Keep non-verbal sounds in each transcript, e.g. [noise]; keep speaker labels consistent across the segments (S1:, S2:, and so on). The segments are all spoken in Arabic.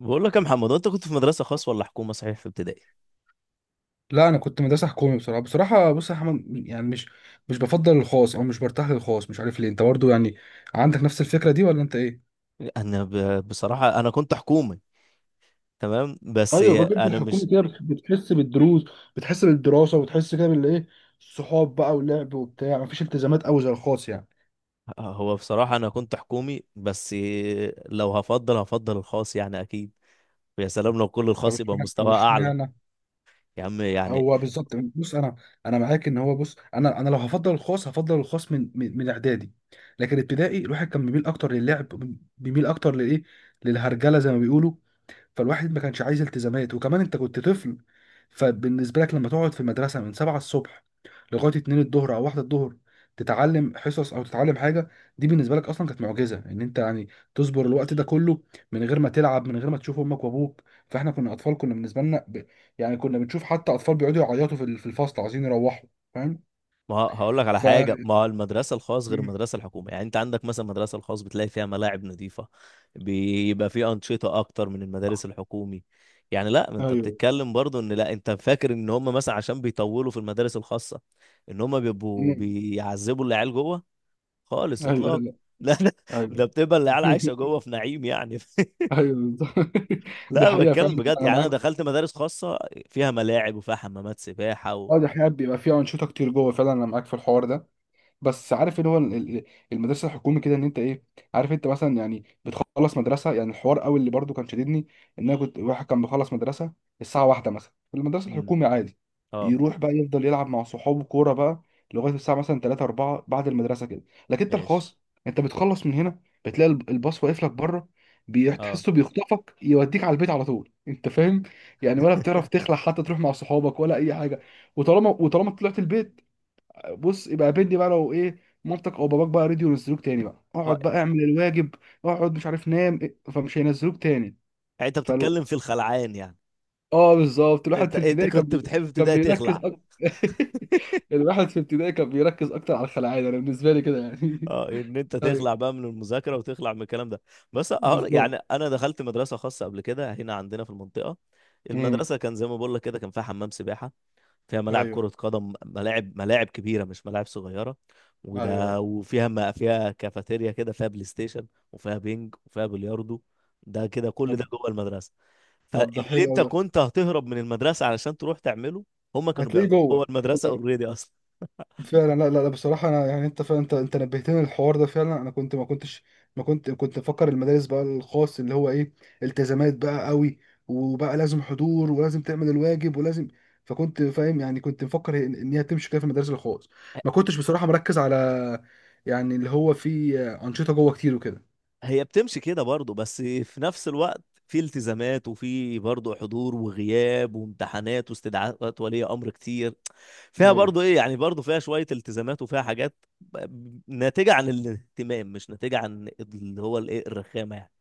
S1: بقول لك يا محمد، انت كنت في مدرسه خاص ولا حكومه؟ صحيح في ابتدائي؟
S2: لا انا كنت مدرسه حكومي. بصراحه بص يا احمد، يعني مش بفضل الخاص او مش برتاح للخاص، مش عارف ليه. انت برضو يعني عندك نفس الفكره دي ولا انت ايه؟
S1: بصراحه انا كنت حكومي. تمام بس.
S2: ايوه بجد،
S1: انا
S2: الحكومه
S1: مش.
S2: كده بتحس بالدروس، بتحس بالدراسه وبتحس كده بالايه، الصحاب بقى واللعب وبتاع، مفيش التزامات قوي زي الخاص يعني.
S1: هو بصراحه انا كنت حكومي بس. لو هفضل الخاص يعني اكيد. ويا سلام لو كل
S2: طب
S1: الخاص يبقى
S2: اشمعنى طب
S1: مستوى اعلى.
S2: اشمعنى
S1: يا عم يعني.
S2: هو بالظبط. بص انا معاك ان هو، بص انا، انا لو هفضل الخاص هفضل الخاص من اعدادي، لكن ابتدائي الواحد كان بيميل اكتر للعب، بيميل اكتر لايه، للهرجله زي ما بيقولوا. فالواحد ما كانش عايز التزامات، وكمان انت كنت طفل، فبالنسبه لك لما تقعد في المدرسه من 7 الصبح لغايه 2 الظهر او 1 الظهر، تتعلم حصص او تتعلم حاجه، دي بالنسبه لك اصلا كانت معجزه، ان انت يعني تصبر الوقت ده كله من غير ما تلعب، من غير ما تشوف امك وابوك. فاحنا كنا اطفال، كنا بالنسبه لنا يعني كنا بنشوف حتى اطفال بيقعدوا يعيطوا في في الفصل، عايزين يروحوا، فاهم؟
S1: ما هقول لك على
S2: ف
S1: حاجه، ما المدرسه الخاص غير
S2: مم.
S1: المدرسه الحكومه يعني، انت عندك مثلا المدرسه الخاص بتلاقي فيها ملاعب نظيفه، بيبقى فيه انشطه اكتر من المدارس الحكومي. يعني لا، ما انت
S2: ايوه.
S1: بتتكلم برضو ان، لا انت فاكر ان هم مثلا عشان بيطولوا في المدارس الخاصه ان هم بيبقوا
S2: مم.
S1: بيعذبوا العيال جوه خالص
S2: ايوه،
S1: اطلاق.
S2: لا،
S1: [laughs] لا، ده
S2: ايوه.
S1: بتبقى العيال عايشه
S2: [laughs]
S1: جوه في نعيم يعني.
S2: ايوه، بالظبط. [laughs]
S1: [laughs]
S2: دي
S1: لا
S2: حقيقه فعلا،
S1: بتكلم بجد
S2: انا
S1: يعني، انا
S2: معاك.
S1: دخلت مدارس خاصه فيها ملاعب وفيها حمامات سباحه
S2: اه دي حقيقة، بيبقى فيها أنشطة كتير جوه فعلا، أنا معاك في الحوار ده. بس عارف اللي هو المدرسه الحكومي كده، ان انت ايه، عارف انت مثلا يعني بتخلص مدرسه. يعني الحوار قوي اللي برضو كان شددني، ان انا كنت واحد كان بيخلص مدرسه الساعه 1 مثلا في المدرسه
S1: مم.
S2: الحكومي عادي،
S1: اه
S2: يروح بقى يفضل يلعب مع صحابه كوره بقى لغايه الساعه مثلا 3 4 بعد المدرسه كده. لكن انت
S1: ماشي
S2: الخاص، انت بتخلص من هنا، بتلاقي الباص واقف لك بره،
S1: اه.
S2: تحسه بيخطفك، يوديك على البيت على طول، انت فاهم يعني، ولا بتعرف
S1: [laughs]
S2: تخلع حتى تروح مع صحابك ولا اي حاجه. وطالما طلعت البيت، بص يبقى بندي بقى لو ايه، مامتك او باباك بقى رضيوا ينزلوك تاني بقى،
S1: اه.
S2: اقعد بقى اعمل الواجب، اقعد مش عارف نام إيه، فمش هينزلوك تاني.
S1: يعني انت
S2: فلو،
S1: بتتكلم في الخلعان يعني؟
S2: اه بالظبط، الواحد
S1: انت
S2: في
S1: انت
S2: ابتدائي كان
S1: كنت
S2: بي...
S1: بتحب في
S2: كان
S1: ابتدائي
S2: بيركز
S1: تخلع؟
S2: أكتر. [laughs] الواحد في ابتدائي كان بيركز اكتر على الخلاعية انا بالنسبه لي كده يعني.
S1: اه، ان انت
S2: [laughs] ايوه
S1: تخلع بقى من المذاكره وتخلع من الكلام ده. بس اهو
S2: بالظبط.
S1: يعني، انا دخلت مدرسه خاصه قبل كده هنا عندنا في المنطقه.
S2: امم،
S1: المدرسه، كان زي ما بقول لك كده، كان فيها حمام سباحه، فيها ملاعب
S2: ايوه،
S1: كره قدم، ملاعب ملاعب كبيره مش ملاعب صغيره.
S2: ايوه، ايوه.
S1: وده وفيها ما فيها كافيتيريا كده، فيها بلاي ستيشن، وفيها بينج وفيها بلياردو. ده كده كل
S2: طب
S1: ده جوه المدرسه.
S2: طب ده
S1: فاللي
S2: حلو
S1: انت
S2: أوي ده.
S1: كنت هتهرب من المدرسه علشان تروح تعمله، هم كانوا
S2: هتلاقيه
S1: بيعملوا جوه
S2: جوه
S1: المدرسه اوريدي اصلا.
S2: فعلا. لا لا لا بصراحة، أنا يعني أنت فعلا، أنت نبهتني للحوار ده فعلا، أنا كنت ما كنتش ما كنت كنت مفكر المدارس بقى الخاص اللي هو إيه، التزامات بقى قوي، وبقى لازم حضور ولازم تعمل الواجب ولازم. فكنت فاهم يعني، كنت مفكر إن هي تمشي كده في المدارس الخاص، ما كنتش بصراحة مركز على يعني اللي هو فيه أنشطة جوه كتير وكده.
S1: هي بتمشي كده برضه، بس في نفس الوقت في التزامات، وفي برضه حضور وغياب وامتحانات واستدعاءات ولي امر كتير. فيها
S2: ايوه
S1: برضه ايه يعني، برضه فيها شويه التزامات، وفيها حاجات ناتجه عن الاهتمام مش ناتجه عن اللي هو الايه الرخامه يعني.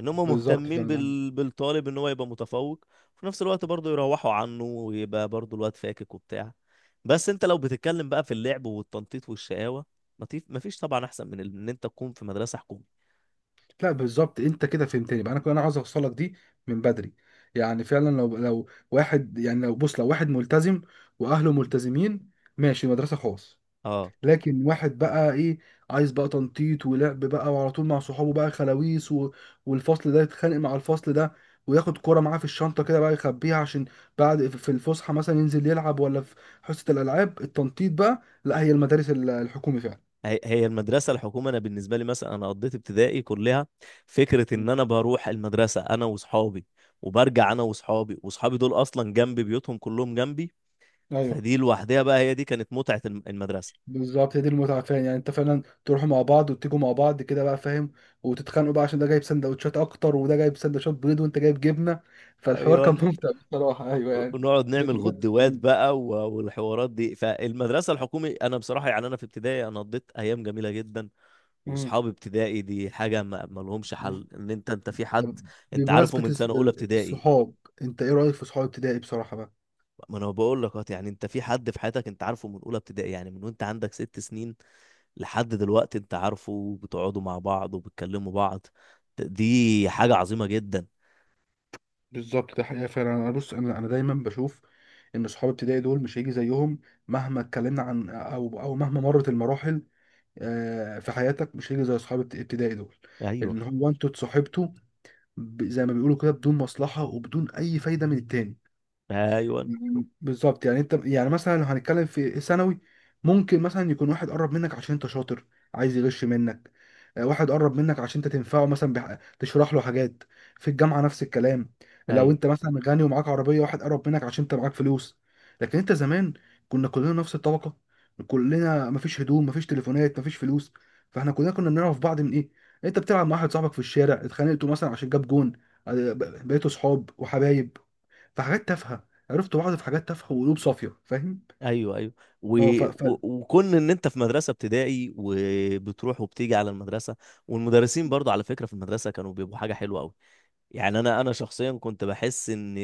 S1: ان هم
S2: بالظبط
S1: مهتمين
S2: فعلا.
S1: بالطالب ان هو يبقى متفوق، وفي نفس الوقت برضه يروحوا عنه ويبقى برضه الواد فاكك وبتاع. بس انت لو بتتكلم بقى في اللعب والتنطيط والشقاوة، مفيش طبعا احسن من ان انت تكون في مدرسة حكومة.
S2: لا بالظبط انت كده فهمتني بقى، انا كنت، انا عاوز اوصلك دي من بدري. يعني فعلا، لو واحد يعني، لو بص لو واحد ملتزم واهله ملتزمين، ماشي مدرسه خاص.
S1: اه.
S2: لكن واحد بقى ايه، عايز بقى تنطيط ولعب بقى وعلى طول مع صحابه بقى خلاويص والفصل ده يتخانق مع الفصل ده، وياخد كرة معاه في الشنطة كده بقى يخبيها عشان بعد في الفسحة مثلا ينزل يلعب، ولا في حصة الألعاب التنطيط بقى، لا هي المدارس الحكومي فعلا.
S1: هي هي المدرسة الحكومة، أنا بالنسبة لي مثلا أنا قضيت ابتدائي كلها فكرة إن
S2: مم.
S1: أنا بروح المدرسة أنا وصحابي، وبرجع أنا وصحابي، وصحابي دول أصلا جنبي، بيوتهم كلهم جنبي.
S2: ايوه
S1: فدي لوحدها بقى هي دي كانت متعة المدرسة.
S2: بالظبط، هي دي المتعة فعلا. يعني انت فعلا تروحوا مع بعض وتيجوا مع بعض كده بقى فاهم، وتتخانقوا بقى عشان ده جايب سندوتشات اكتر وده جايب سندوتشات بيض وانت جايب جبنة. فالحوار كان [laughs]
S1: أيوة.
S2: ممتع بصراحة، ايوه يعني.
S1: ونقعد نعمل
S2: ذكريات.
S1: غدوات بقى والحوارات دي. فالمدرسة الحكومي أنا بصراحة يعني، أنا في ابتدائي أنا قضيت أيام جميلة جدا.
S2: مم.
S1: وأصحاب ابتدائي دي حاجة ما لهمش حل، إن أنت في
S2: طب،
S1: حد أنت عارفه
S2: بمناسبة
S1: من سنة أولى ابتدائي.
S2: الصحاب، انت ايه رأيك في صحاب ابتدائي بصراحة بقى؟
S1: ما أنا بقول لك أهو، يعني أنت في حد في حياتك أنت عارفه من أولى ابتدائي، يعني من وأنت عندك 6 سنين لحد دلوقتي أنت عارفه، وبتقعدوا مع بعض وبتكلموا بعض، دي حاجة عظيمة جدا.
S2: بالظبط، ده حقيقة فعلا. انا بص، انا دايما بشوف ان صحاب ابتدائي دول مش هيجي زيهم، مهما اتكلمنا عن او مهما مرت المراحل، آه، في حياتك مش هيجي زي صحاب ابتدائي دول،
S1: أيوه
S2: ان هو انتوا اتصاحبتوا زي ما بيقولوا كده بدون مصلحة وبدون أي فايدة من التاني.
S1: أيوه
S2: بالظبط، يعني انت يعني مثلا لو هنتكلم في ثانوي، ممكن مثلا يكون واحد قرب منك عشان انت شاطر، عايز يغش منك، آه، واحد قرب منك عشان انت تنفعه مثلا، تشرح له حاجات. في الجامعه نفس الكلام، لو
S1: أيوه
S2: انت مثلا غني ومعاك عربيه، واحد قرب منك عشان انت معاك فلوس. لكن انت زمان، كنا كلنا نفس الطبقه، كلنا مفيش هدوم، مفيش تليفونات، مفيش فلوس، فاحنا كلنا كنا بنعرف بعض من ايه، انت بتلعب مع واحد صاحبك في الشارع، اتخانقتوا مثلا عشان جاب جون، آه، بقيتوا صحاب وحبايب، في حاجات تافهه عرفت بعض، في حاجات تافهه وقلوب صافيه، فاهم.
S1: ايوه ايوه. و...
S2: اه
S1: وكون ان انت في مدرسه ابتدائي وبتروح وبتيجي على المدرسه، والمدرسين برضه على فكره في المدرسه كانوا بيبقوا حاجه حلوه قوي. يعني انا شخصيا كنت بحس ان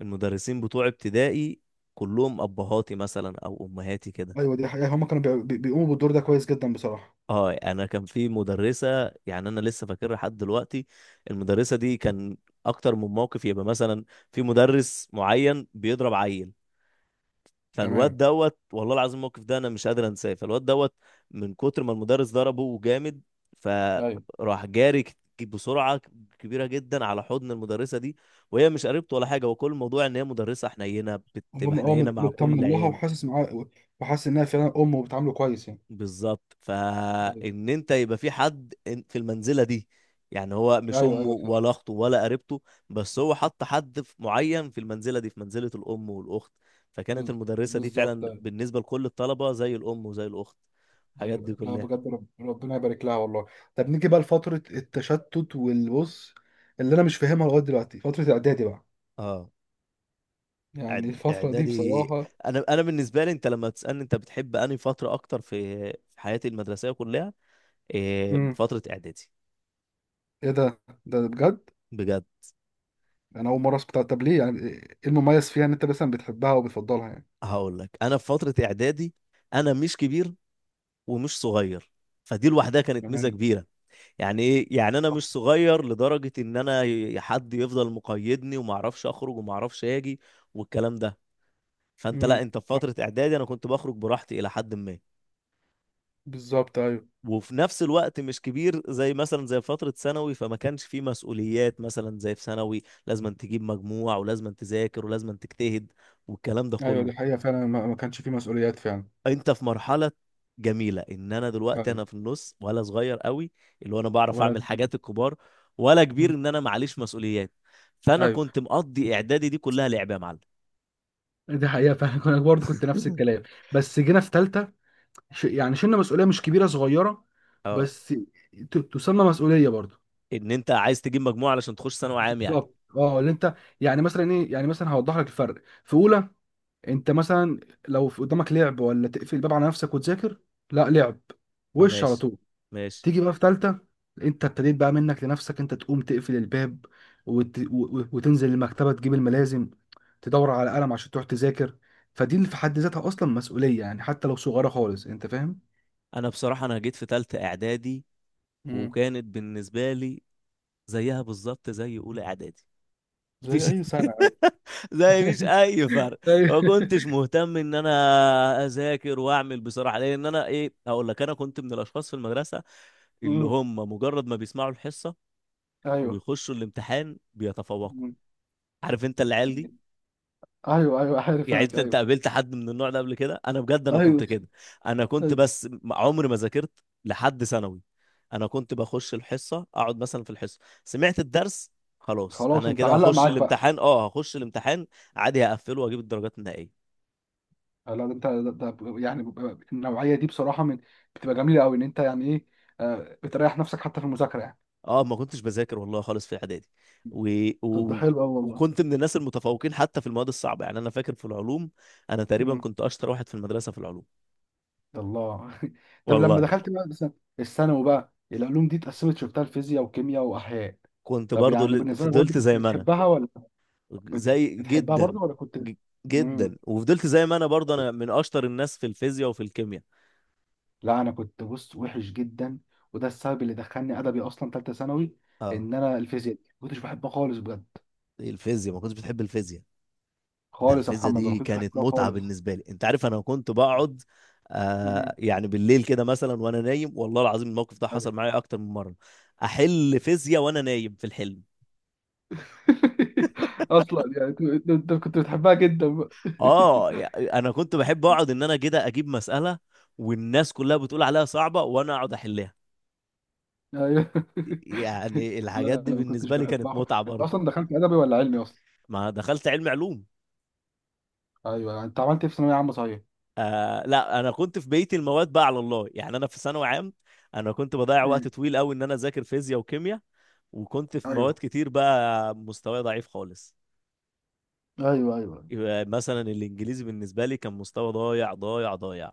S1: المدرسين بتوع ابتدائي كلهم ابهاتي مثلا او امهاتي كده.
S2: ايوه دي حقيقة، هما كانوا بيقوموا بالدور ده كويس جدا بصراحة.
S1: اه، انا كان في مدرسه يعني انا لسه فاكرها لحد دلوقتي. المدرسه دي كان اكتر من موقف، يبقى مثلا في مدرس معين بيضرب عيل، فالواد
S2: تمام،
S1: دوت والله العظيم، الموقف ده انا مش قادر انساه. فالواد دوت من كتر ما المدرس ضربه جامد،
S2: ايوه،
S1: فراح جاري بسرعه كبيره جدا على حضن المدرسه دي، وهي مش قريبته ولا حاجه. وكل الموضوع ان هي مدرسه حنينه، بتبقى
S2: هما اه
S1: حنينه
S2: مت-
S1: مع كل
S2: مطمن لها
S1: العيال.
S2: وحاسس معاه، وحاسس انها فعلا ام وبتعامله كويس يعني.
S1: بالظبط،
S2: ايوه،
S1: فان انت يبقى في حد في المنزله دي. يعني هو مش
S2: ايوه،
S1: امه
S2: ايوه صح.
S1: ولا اخته ولا قريبته، بس هو حط حد معين في المنزله دي، في منزله الام والاخت. فكانت
S2: بز-
S1: المدرسه دي
S2: بالظبط
S1: فعلا
S2: ايوه.
S1: بالنسبه لكل الطلبه زي الام وزي الاخت، الحاجات دي
S2: أيوة. لا
S1: كلها.
S2: بجد، ربنا يبارك لها والله. طب نيجي بقى لفترة التشتت والبص اللي انا مش فاهمها لغاية دلوقتي، فترة اعدادي بقى.
S1: اه.
S2: يعني الفترة دي
S1: اعدادي.
S2: بصراحة.
S1: انا بالنسبه لي، انت لما تسالني انت بتحب انهي فتره اكتر في حياتي المدرسيه كلها، إيه؟
S2: امم.
S1: فتره اعدادي.
S2: ايه ده؟ ده بجد؟
S1: بجد.
S2: انا اول مره اسمع. طب ليه يعني، ايه المميز فيها ان انت مثلا بتحبها وبتفضلها يعني؟
S1: هقول لك، انا في فتره اعدادي انا مش كبير ومش صغير، فدي لوحدها كانت ميزة
S2: تمام.
S1: كبيرة. يعني ايه يعني؟ انا
S2: صح.
S1: مش صغير لدرجة ان انا حد يفضل مقيدني وما اعرفش اخرج وما اعرفش اجي والكلام ده. فانت لا،
S2: امم.
S1: انت في
S2: صح
S1: فترة اعدادي انا كنت بخرج براحتي الى حد ما،
S2: بالظبط. ايوه،
S1: وفي نفس الوقت مش كبير زي مثلا زي فترة ثانوي، فما كانش فيه مسؤوليات مثلا زي في ثانوي، لازم أن تجيب مجموع ولازم أن تذاكر ولازم أن تجتهد والكلام ده
S2: ايوه دي
S1: كله.
S2: حقيقة فعلا، ما كانش فيه مسؤوليات فعلا.
S1: انت في مرحله جميله، ان انا دلوقتي
S2: ايوه.
S1: انا في النص، ولا صغير قوي اللي هو انا بعرف
S2: ولا.
S1: اعمل حاجات الكبار، ولا كبير
S2: مم.
S1: ان انا معليش مسؤوليات. فانا
S2: ايوه،
S1: كنت مقضي اعدادي دي كلها لعب يا معلم.
S2: دي حقيقة فعلا. [laughs] انا برضه كنت نفس
S1: [laughs]
S2: الكلام، بس جينا في تالتة، يعني شلنا مسؤولية مش كبيرة، صغيرة
S1: اه،
S2: بس، تسمى مسؤولية برضه.
S1: ان انت عايز تجيب مجموعه علشان تخش ثانوي عام يعني.
S2: بالظبط، اه اللي انت، يعني مثلا ايه، يعني مثلا هوضح لك الفرق. في اولى انت مثلا، لو في قدامك لعب ولا تقفل الباب على نفسك وتذاكر، لا لعب،
S1: اه
S2: وش على
S1: ماشي
S2: طول.
S1: ماشي.
S2: تيجي بقى في تالتة، انت ابتديت بقى منك لنفسك انت تقوم تقفل الباب وتنزل المكتبة، تجيب الملازم، تدور على قلم عشان تروح تذاكر، فدي اللي في حد ذاتها اصلا مسؤولية يعني، حتى لو صغيرة خالص، انت فاهم.
S1: انا بصراحه انا جيت في ثالثه اعدادي،
S2: مم.
S1: وكانت بالنسبه لي زيها بالظبط زي اولى اعدادي،
S2: زي
S1: مفيش.
S2: اي سنه. ايوه.
S1: [laughs] زي مفيش
S2: [laughs]
S1: اي فرق.
S2: ايوه.
S1: ما كنتش مهتم ان انا اذاكر واعمل بصراحه، لان انا ايه هقول لك، انا كنت من الاشخاص في المدرسه اللي
S2: مم.
S1: هم مجرد ما بيسمعوا الحصه
S2: ايوه.
S1: ويخشوا الامتحان بيتفوقوا.
S2: مم.
S1: عارف انت العيال دي؟
S2: ايوه، ايوه عارف
S1: يعني
S2: انا،
S1: انت
S2: ايوه
S1: قابلت حد من النوع ده قبل كده؟ انا بجد انا
S2: ايوه.
S1: كنت كده. انا كنت
S2: أيوة.
S1: بس عمري ما ذاكرت لحد ثانوي. انا كنت بخش الحصه، اقعد مثلا في الحصه، سمعت الدرس خلاص،
S2: خلاص،
S1: انا
S2: انت
S1: كده
S2: علق
S1: هخش
S2: معاك بقى.
S1: الامتحان، اه هخش الامتحان عادي، هقفله واجيب الدرجات النهائيه.
S2: آه، لا ده انت، ده يعني بيبقى، النوعيه دي بصراحه من، بتبقى جميله قوي، ان انت يعني ايه، آه، بتريح نفسك حتى في المذاكره يعني.
S1: اه ما كنتش بذاكر والله خالص في اعدادي، و...
S2: طب ده
S1: و...
S2: حلو قوي والله.
S1: وكنت من الناس المتفوقين حتى في المواد الصعبه، يعني انا فاكر في العلوم انا تقريبا
S2: امم.
S1: كنت اشطر واحد في المدرسه في العلوم
S2: الله. [laughs] طب لما
S1: والله.
S2: دخلت بقى مثلا الثانوي بقى، العلوم دي اتقسمت شفتها الفيزياء وكيمياء واحياء،
S1: كنت
S2: طب
S1: برضو
S2: يعني بالنسبه لك برضه
S1: فضلت
S2: كنت
S1: زي ما انا.
S2: بتحبها ولا، بت-
S1: زي
S2: بتحبها
S1: جدا
S2: برضه، ولا كنت؟
S1: ج-
S2: امم.
S1: جدا، وفضلت زي ما انا برضه، انا من اشطر الناس في الفيزياء وفي الكيمياء.
S2: لا انا كنت بص وحش جدا، وده السبب اللي دخلني ادبي اصلا ثالثه ثانوي،
S1: اه.
S2: ان انا الفيزياء دي ما كنتش بحبها خالص بجد.
S1: إيه الفيزياء، ما كنتش بتحب الفيزياء؟ ده
S2: خالص يا
S1: الفيزياء
S2: محمد، ولا
S1: دي
S2: كنتش
S1: كانت
S2: بحبها
S1: متعة
S2: خالص.
S1: بالنسبة لي. انت عارف انا كنت بقعد
S2: مهم.
S1: يعني بالليل كده مثلا وانا نايم، والله العظيم الموقف ده حصل
S2: ايوه.
S1: معايا اكتر من مرة، احل فيزياء وانا نايم في الحلم.
S2: [laughs] اصلا يعني أنت كنت بتحبها جدا بقى. [laughs]
S1: اه انا كنت بحب اقعد ان انا كده اجيب مسألة والناس كلها بتقول عليها صعبة وانا اقعد احلها،
S2: ايوه. [laughs]
S1: يعني الحاجات
S2: لا
S1: دي
S2: انا ما كنتش
S1: بالنسبة لي كانت
S2: بحبها.
S1: متعة
S2: انت
S1: برضه.
S2: اصلا دخلت ادبي ولا علمي اصلا؟
S1: ما دخلت علوم.
S2: ايوه. انت عملت ايه في ثانويه عامه صحيح؟
S1: آه لا، انا كنت في بيتي المواد بقى على الله يعني، انا في ثانوي عام انا كنت بضيع وقت
S2: مم.
S1: طويل قوي ان انا اذاكر فيزياء وكيمياء، وكنت في مواد
S2: ايوه،
S1: كتير بقى مستواي ضعيف خالص.
S2: ايوه، ايوه.
S1: يبقى مثلا الانجليزي بالنسبه لي كان مستوى ضايع ضايع ضايع.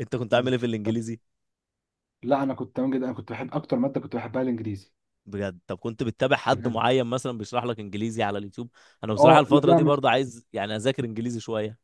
S1: انت كنت عامل
S2: مم.
S1: ايه في
S2: طب.
S1: الانجليزي؟
S2: لا انا كنت تمام جدا، انا كنت بحب، اكتر ماده كنت بحبها الانجليزي.
S1: بجد؟ طب كنت بتتابع حد
S2: بجد.
S1: معين مثلا بيشرح لك انجليزي على اليوتيوب؟ انا بصراحه
S2: اه لا
S1: الفتره دي
S2: لا،
S1: برضه عايز يعني اذاكر انجليزي شويه.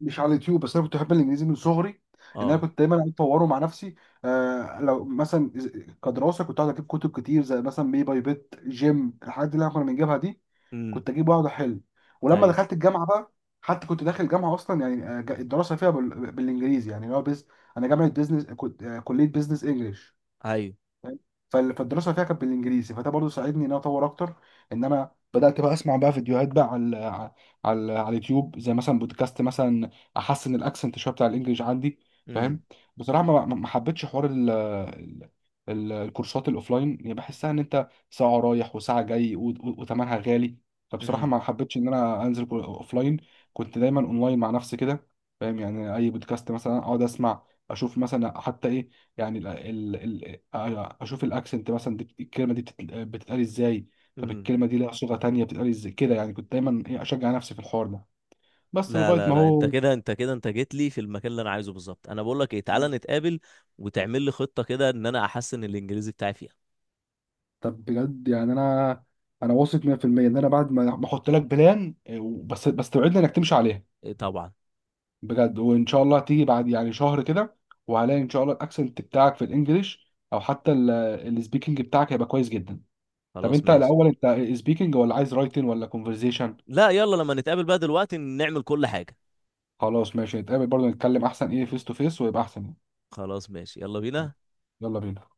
S2: مش على اليوتيوب بس، انا كنت بحب الانجليزي من صغري، ان انا
S1: اه.
S2: كنت دايما قاعد اطوره مع نفسي. آه لو مثلا كدراسه، كنت قاعد اجيب كتب كتير زي مثلا بي باي بيت جيم، الحاجات دي اللي احنا كنا بنجيبها دي،
S1: امم.
S2: كنت اجيب واقعد احل. ولما
S1: ايوه
S2: دخلت الجامعه بقى، حتى كنت داخل الجامعه اصلا يعني، آه، الدراسه فيها بالانجليزي يعني اللي هو انا جامعه بزنس كنت، آه، كليه بزنس انجلش،
S1: ايوه.
S2: فاهم؟ فالدراسه فيها كانت بالانجليزي، فده برضو ساعدني ان انا اطور اكتر، ان انا بدات بقى اسمع بقى فيديوهات بقى على اليوتيوب، زي مثلا بودكاست مثلا، احسن الاكسنت شويه بتاع الانجليش عندي،
S1: امم.
S2: فاهم. بصراحه ما حبيتش حوار الكورسات الاوفلاين، يعني بحسها ان انت ساعه رايح وساعه جاي، وثمنها غالي، فبصراحه ما حبيتش ان انا انزل اوفلاين، كنت دايما اونلاين مع نفسي كده، فاهم، يعني اي بودكاست مثلا اقعد اسمع، اشوف مثلا حتى ايه، يعني أيوة، اشوف الاكسنت مثلا، دي الكلمه دي بتتقال ازاي، طب
S1: امم.
S2: الكلمه دي لها صيغه تانية بتتقال ازاي، كده يعني، كنت دايما إيه، اشجع نفسي في الحوار ده، بس
S1: لا
S2: لغايه
S1: لا
S2: ما
S1: لا، انت
S2: هو.
S1: كده انت كده انت جيت لي في المكان اللي انا عايزه بالظبط. انا بقول لك ايه، تعالى نتقابل وتعمل لي خطة كده ان انا احسن الانجليزي بتاعي فيها.
S2: طب بجد، يعني انا واثق 100% ان انا بعد ما احط لك بلان، إيه، بس توعدني انك تمشي عليها.
S1: إيه طبعا.
S2: بجد، وان شاء الله تيجي بعد يعني شهر كده، وهلاقي ان شاء الله الاكسنت بتاعك في الانجليش او حتى السبيكنج بتاعك هيبقى كويس جدا. طب
S1: خلاص
S2: انت
S1: ماشي.
S2: الاول، انت سبيكنج ولا عايز رايتنج ولا كونفرزيشن؟
S1: لا يلا لما نتقابل بقى دلوقتي نعمل كل حاجة.
S2: خلاص ماشي، نتقابل برضه، نتكلم احسن ايه، فيس تو فيس، ويبقى احسن يعني.
S1: خلاص ماشي يلا بينا.
S2: يلا بينا.